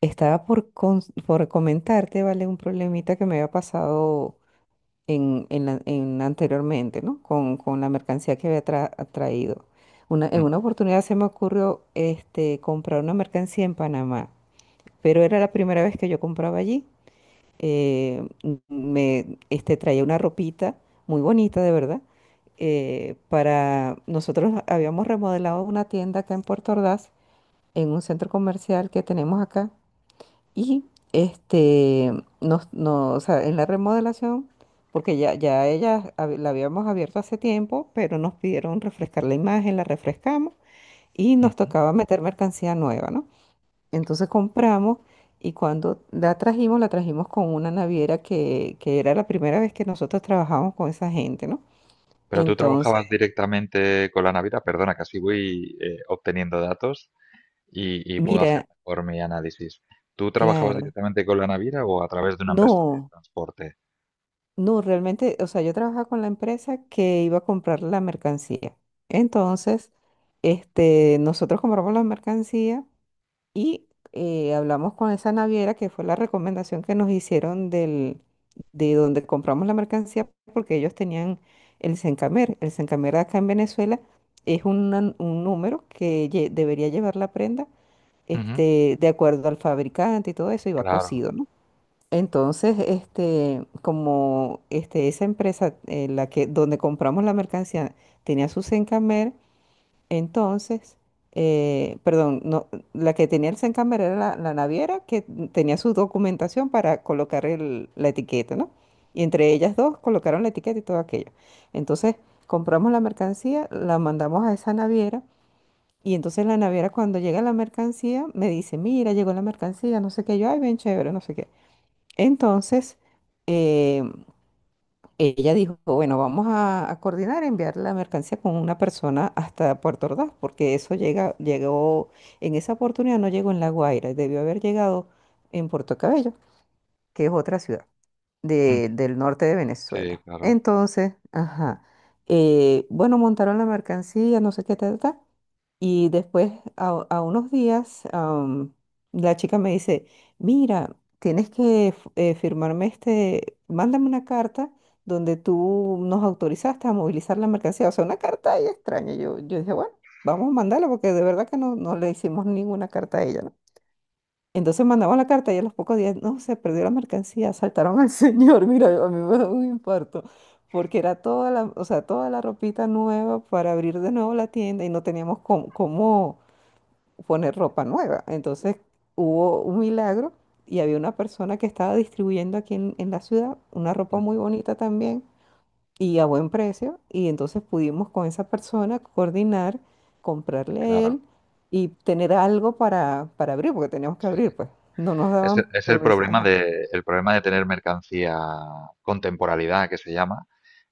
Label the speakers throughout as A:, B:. A: Estaba por, por comentarte, ¿vale? Un problemita que me había pasado en anteriormente, ¿no? Con la mercancía que había traído. En
B: Mm,
A: una oportunidad se me ocurrió comprar una mercancía en Panamá, pero era la primera vez que yo compraba allí. Traía una ropita muy bonita, de verdad. Para nosotros habíamos remodelado una tienda acá en Puerto Ordaz, en un centro comercial que tenemos acá y este, no, o sea, en la remodelación, porque ya la habíamos abierto hace tiempo, pero nos pidieron refrescar la imagen, la refrescamos y nos
B: ujú.
A: tocaba meter mercancía nueva, ¿no? Entonces compramos y cuando la trajimos con una naviera que era la primera vez que nosotros trabajamos con esa gente, ¿no?
B: Pero tú
A: Entonces,
B: trabajabas directamente con la Navidad, perdona, que así voy obteniendo datos y puedo hacer
A: mira,
B: mejor mi análisis. ¿Tú trabajabas
A: claro,
B: directamente con la Navidad o a través de una empresa de
A: no.
B: transporte?
A: No, realmente, o sea, yo trabajaba con la empresa que iba a comprar la mercancía. Entonces, nosotros compramos la mercancía y hablamos con esa naviera que fue la recomendación que nos hicieron de donde compramos la mercancía porque ellos tenían el Sencamer. El Sencamer acá en Venezuela un número debería llevar la prenda,
B: Ujú,
A: de acuerdo al fabricante y todo eso, y va
B: claro.
A: cosido, ¿no? Entonces, esa empresa donde compramos la mercancía tenía su Sencamer. Entonces, perdón, no, la que tenía el Sencamer era la naviera que tenía su documentación para colocar la etiqueta, ¿no? Y entre ellas dos colocaron la etiqueta y todo aquello. Entonces, compramos la mercancía, la mandamos a esa naviera. Y entonces la naviera cuando llega la mercancía me dice, mira, llegó la mercancía, no sé qué, yo, ay, bien chévere, no sé qué. Entonces, eh, ella dijo, bueno, vamos a coordinar enviar la mercancía con una persona hasta Puerto Ordaz, porque llegó, en esa oportunidad no llegó en La Guaira, debió haber llegado en Puerto Cabello, que es otra ciudad
B: Ujú,
A: del norte de
B: sí,
A: Venezuela.
B: claro.
A: Entonces, ajá, bueno, montaron la mercancía, no sé qué tal, y después, a unos días, la chica me dice, mira, tienes que firmarme mándame una carta donde tú nos autorizaste a movilizar la mercancía. O sea, una carta ahí extraña. Yo dije, bueno, vamos a mandarla porque de verdad que no, no le hicimos ninguna carta a ella, ¿no? Entonces mandamos la carta y a los pocos días, no, se perdió la mercancía, asaltaron al señor. Mira, a mí me da un infarto porque era toda la, o sea, toda la ropita nueva para abrir de nuevo la tienda y no teníamos cómo, cómo poner ropa nueva. Entonces hubo un milagro y había una persona que estaba distribuyendo aquí en la ciudad una ropa muy
B: Ujú,
A: bonita también y a buen precio. Y entonces pudimos con esa persona coordinar, comprarle a
B: claro,
A: él y tener algo para abrir, porque teníamos que
B: sí.
A: abrir, pues no nos
B: Es, e-
A: daban
B: es
A: permiso. Ajá,
B: el problema de tener mercancía con temporalidad, que se llama.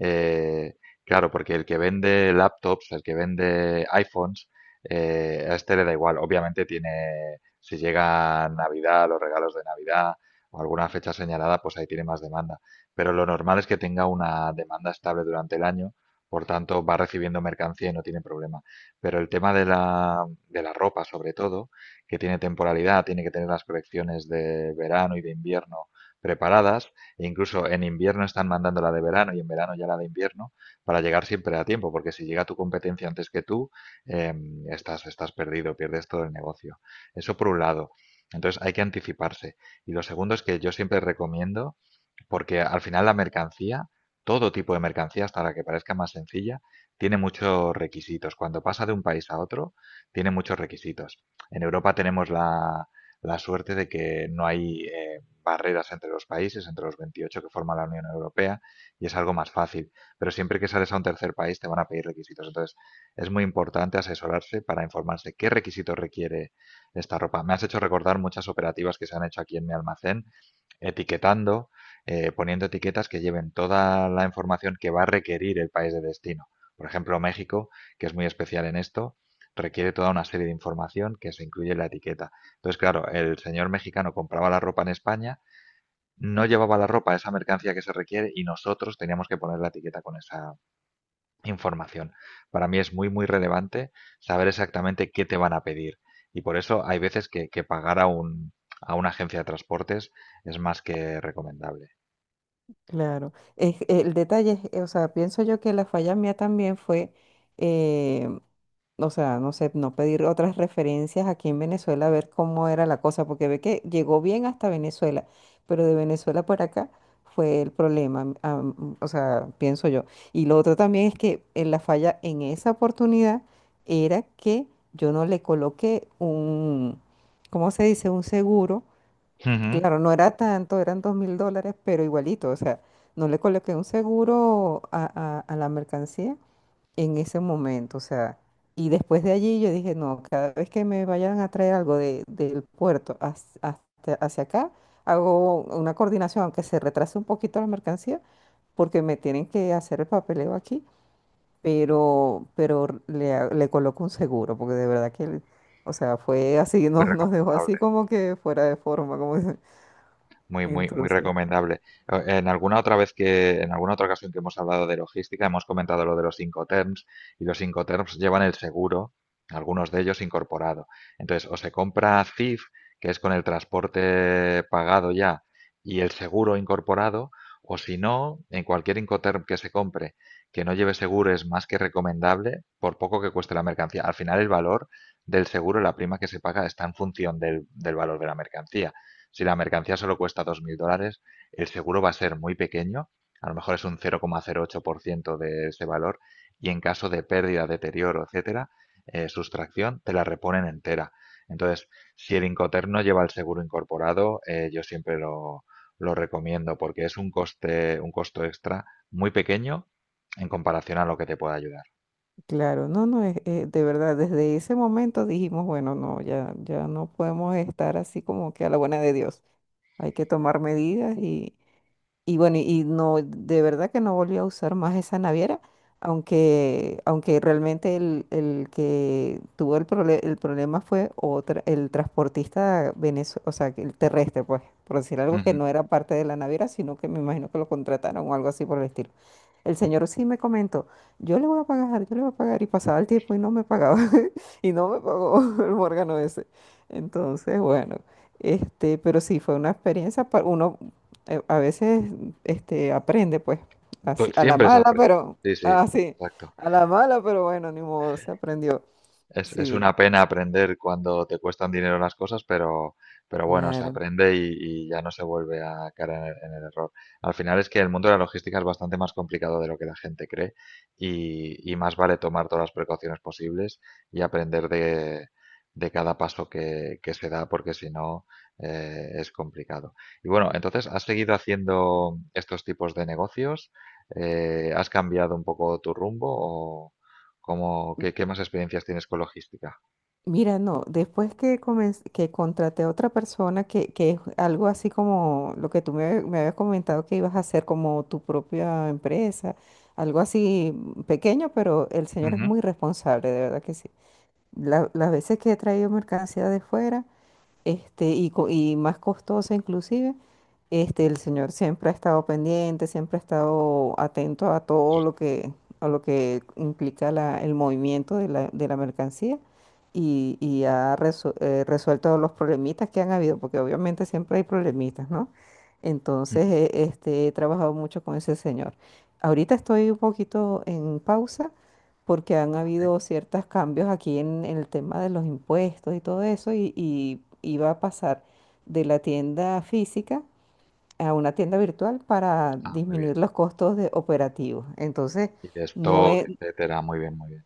B: Eh, claro, porque el que vende laptops, el que vende iPhones, a este le da igual. Obviamente tiene, si llega Navidad, los regalos de Navidad o alguna fecha señalada, pues ahí tiene más demanda. Pero lo normal es que tenga una demanda estable durante el año, por tanto va recibiendo mercancía y no tiene problema. Pero el tema de la ropa, sobre todo, que tiene temporalidad, tiene que tener las colecciones de verano y de invierno preparadas, e incluso en invierno están mandando la de verano y en verano ya la de invierno, para llegar siempre a tiempo, porque si llega tu competencia antes que tú, eh, estás, estás perdido, pierdes todo el negocio. Eso por un lado. Entonces hay que anticiparse. Y lo segundo es que yo siempre recomiendo porque al final la mercancía, todo tipo de mercancía, hasta la que parezca más sencilla, tiene muchos requisitos. Cuando pasa de un país a otro, tiene muchos requisitos. En Europa tenemos la, la suerte de que no hay barreras entre los países, entre los 28 que forman la Unión Europea, y es algo más fácil. Pero siempre que sales a un tercer país te van a pedir requisitos. Entonces, es muy importante asesorarse para informarse qué requisitos requiere esta ropa. Me has hecho recordar muchas operativas que se han hecho aquí en mi almacén, etiquetando poniendo etiquetas que lleven toda la información que va a requerir el país de destino. Por ejemplo, México, que es muy especial en esto, requiere toda una serie de información que se incluye en la etiqueta. Entonces, claro, el señor mexicano compraba la ropa en España, no llevaba la ropa, esa mercancía que se requiere, y nosotros teníamos que poner la etiqueta con esa información. Para mí es muy, muy relevante saber exactamente qué te van a pedir. Y por eso hay veces que pagar a, un, a una agencia de transportes es más que recomendable.
A: claro. Es, el detalle es, o sea, pienso yo que la falla mía también fue eh, o sea, no sé, no pedir otras referencias aquí en Venezuela, a ver cómo era la cosa, porque ve que llegó bien hasta Venezuela, pero de Venezuela para acá fue el problema, o sea, pienso yo. Y lo otro también es que la falla en esa oportunidad era que yo no le coloqué un, ¿cómo se dice? Un seguro.
B: Ujú.
A: Claro, no era tanto, eran $2.000, pero igualito, o sea, no le coloqué un seguro a la mercancía en ese momento, o sea, y después de allí yo dije, no, cada vez que me vayan a traer algo del puerto hacia, hacia acá, hago una coordinación, aunque se retrase un poquito la mercancía, porque me tienen que hacer el papeleo aquí, pero, le coloco un seguro, porque de verdad que, o sea, fue así,
B: Muy
A: nos dejó así
B: recomendable,
A: como que fuera de forma, como dicen.
B: muy, muy, muy
A: Entonces.
B: recomendable. O- En alguna otra vez que, en alguna otra ocasión que hemos hablado de logística, hemos comentado lo de los Incoterms y los Incoterms llevan el seguro, algunos de ellos incorporado. Entonces, o se compra CIF, que es con el transporte pagado ya y el seguro incorporado, o si no, en cualquier Incoterm que se compre que no lleve seguro es más que recomendable, por poco que cueste la mercancía. Al final, el valor del seguro, la prima que se paga, está en función del, del valor de la mercancía. Si la mercancía solo cuesta $2.000, el seguro va a ser muy pequeño, a lo mejor es un 0,08% de ese valor, y en caso de pérdida, deterioro, etcétera, sustracción, te la reponen entera. Entonces, si el Incoterm no lleva el seguro incorporado, yo siempre lo recomiendo porque es un coste, un costo extra muy pequeño en comparación a lo que te puede ayudar.
A: Claro, no, no, es de verdad, desde ese momento dijimos, bueno, no, ya no podemos estar así como que a la buena de Dios. Hay que tomar medidas y bueno, y no, de verdad que no volví a usar más esa naviera, aunque realmente el que tuvo el, el problema fue otra, el transportista venezolano, o sea, que el terrestre, pues, por decir algo que
B: Ujú.
A: no era parte de la naviera, sino que me imagino que lo contrataron o algo así por el estilo. El señor sí me comentó, yo le voy a pagar, yo le voy a pagar, y pasaba el tiempo y no me pagaba, y no me pagó el Morgano ese. Entonces, bueno, pero sí fue una experiencia, uno a veces aprende, pues,
B: Tú-
A: así, a la
B: Siempre se
A: mala,
B: aprende.
A: pero,
B: Sí, sí,
A: así,
B: exacto.
A: a la mala, pero bueno, ni modo, se aprendió.
B: Es
A: Sí,
B: una pena aprender cuando te cuestan dinero las cosas, pero bueno, se
A: claro.
B: aprende y ya no se vuelve a caer en el error. Al final es que el mundo de la logística es bastante más complicado de lo que la gente cree y más vale tomar todas las precauciones posibles y aprender de cada paso que se da, porque si no, es complicado. Y bueno, entonces, ¿has seguido haciendo estos tipos de negocios? ¿Has cambiado un poco tu rumbo como, ¿qué, qué más experiencias tienes con logística?
A: Mira, no, después que, que contraté a otra persona, que es algo así como lo que me habías comentado que ibas a hacer como tu propia empresa, algo así pequeño, pero el señor es
B: Ujú.
A: muy responsable, de verdad que sí. Las veces que he traído mercancía de fuera, y más costosa inclusive, el Señor siempre ha estado pendiente, siempre ha estado atento a todo lo que, a lo que implica el movimiento de de la mercancía y ha resuelto los problemitas que han habido, porque obviamente siempre hay problemitas, ¿no? Entonces, he trabajado mucho con ese Señor. Ahorita estoy un poquito en pausa porque han
B: Vale.
A: habido ciertos cambios aquí en el tema de los impuestos y todo eso y iba a pasar de la tienda física a una tienda virtual para
B: Ah, muy bien.
A: disminuir los costos de operativos. Entonces,
B: Y de
A: no
B: stock,
A: es,
B: etcétera. Muy bien, muy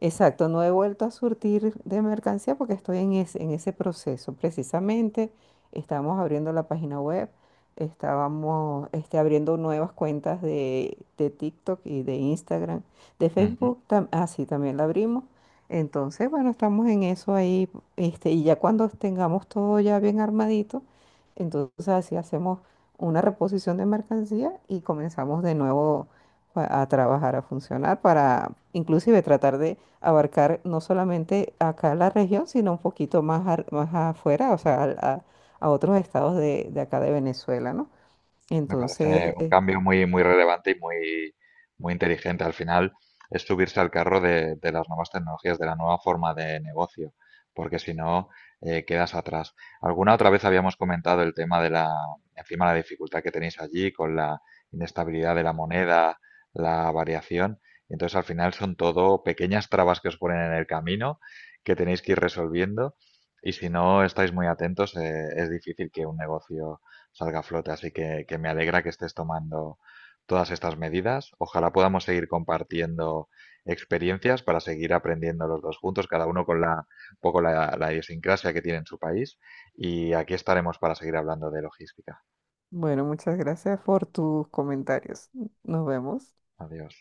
A: exacto, no he vuelto a surtir de mercancía porque estoy en ese proceso. Precisamente estábamos abriendo la página web, estábamos abriendo nuevas cuentas de TikTok y de Instagram, de
B: bien.
A: Facebook, sí, también la abrimos. Entonces, bueno, estamos en eso ahí, y ya cuando tengamos todo ya bien armadito, entonces así hacemos una reposición de mercancía y comenzamos de nuevo a trabajar, a funcionar para inclusive tratar de abarcar no solamente acá la región, sino un poquito más, más afuera, o sea, a otros estados de acá de Venezuela, ¿no?
B: Me
A: Entonces,
B: parece un cambio muy, muy relevante y muy, muy inteligente. Al final es subirse al carro de las nuevas tecnologías, de la nueva forma de negocio, porque si no, quedas atrás. Alguna otra vez habíamos comentado el tema de la, encima la dificultad que tenéis allí con la inestabilidad de la moneda, la variación. Entonces al final son todo pequeñas trabas que os ponen en el camino que tenéis que ir resolviendo. Y si no estáis muy atentos, es difícil que un negocio salga a flote. Así que me alegra que estés tomando todas estas medidas. Ojalá podamos seguir compartiendo experiencias para seguir aprendiendo los dos juntos, cada uno con la, un poco la, la idiosincrasia que tiene en su país. Y aquí estaremos para seguir hablando de logística.
A: bueno, muchas gracias por tus comentarios. Nos vemos.
B: Adiós.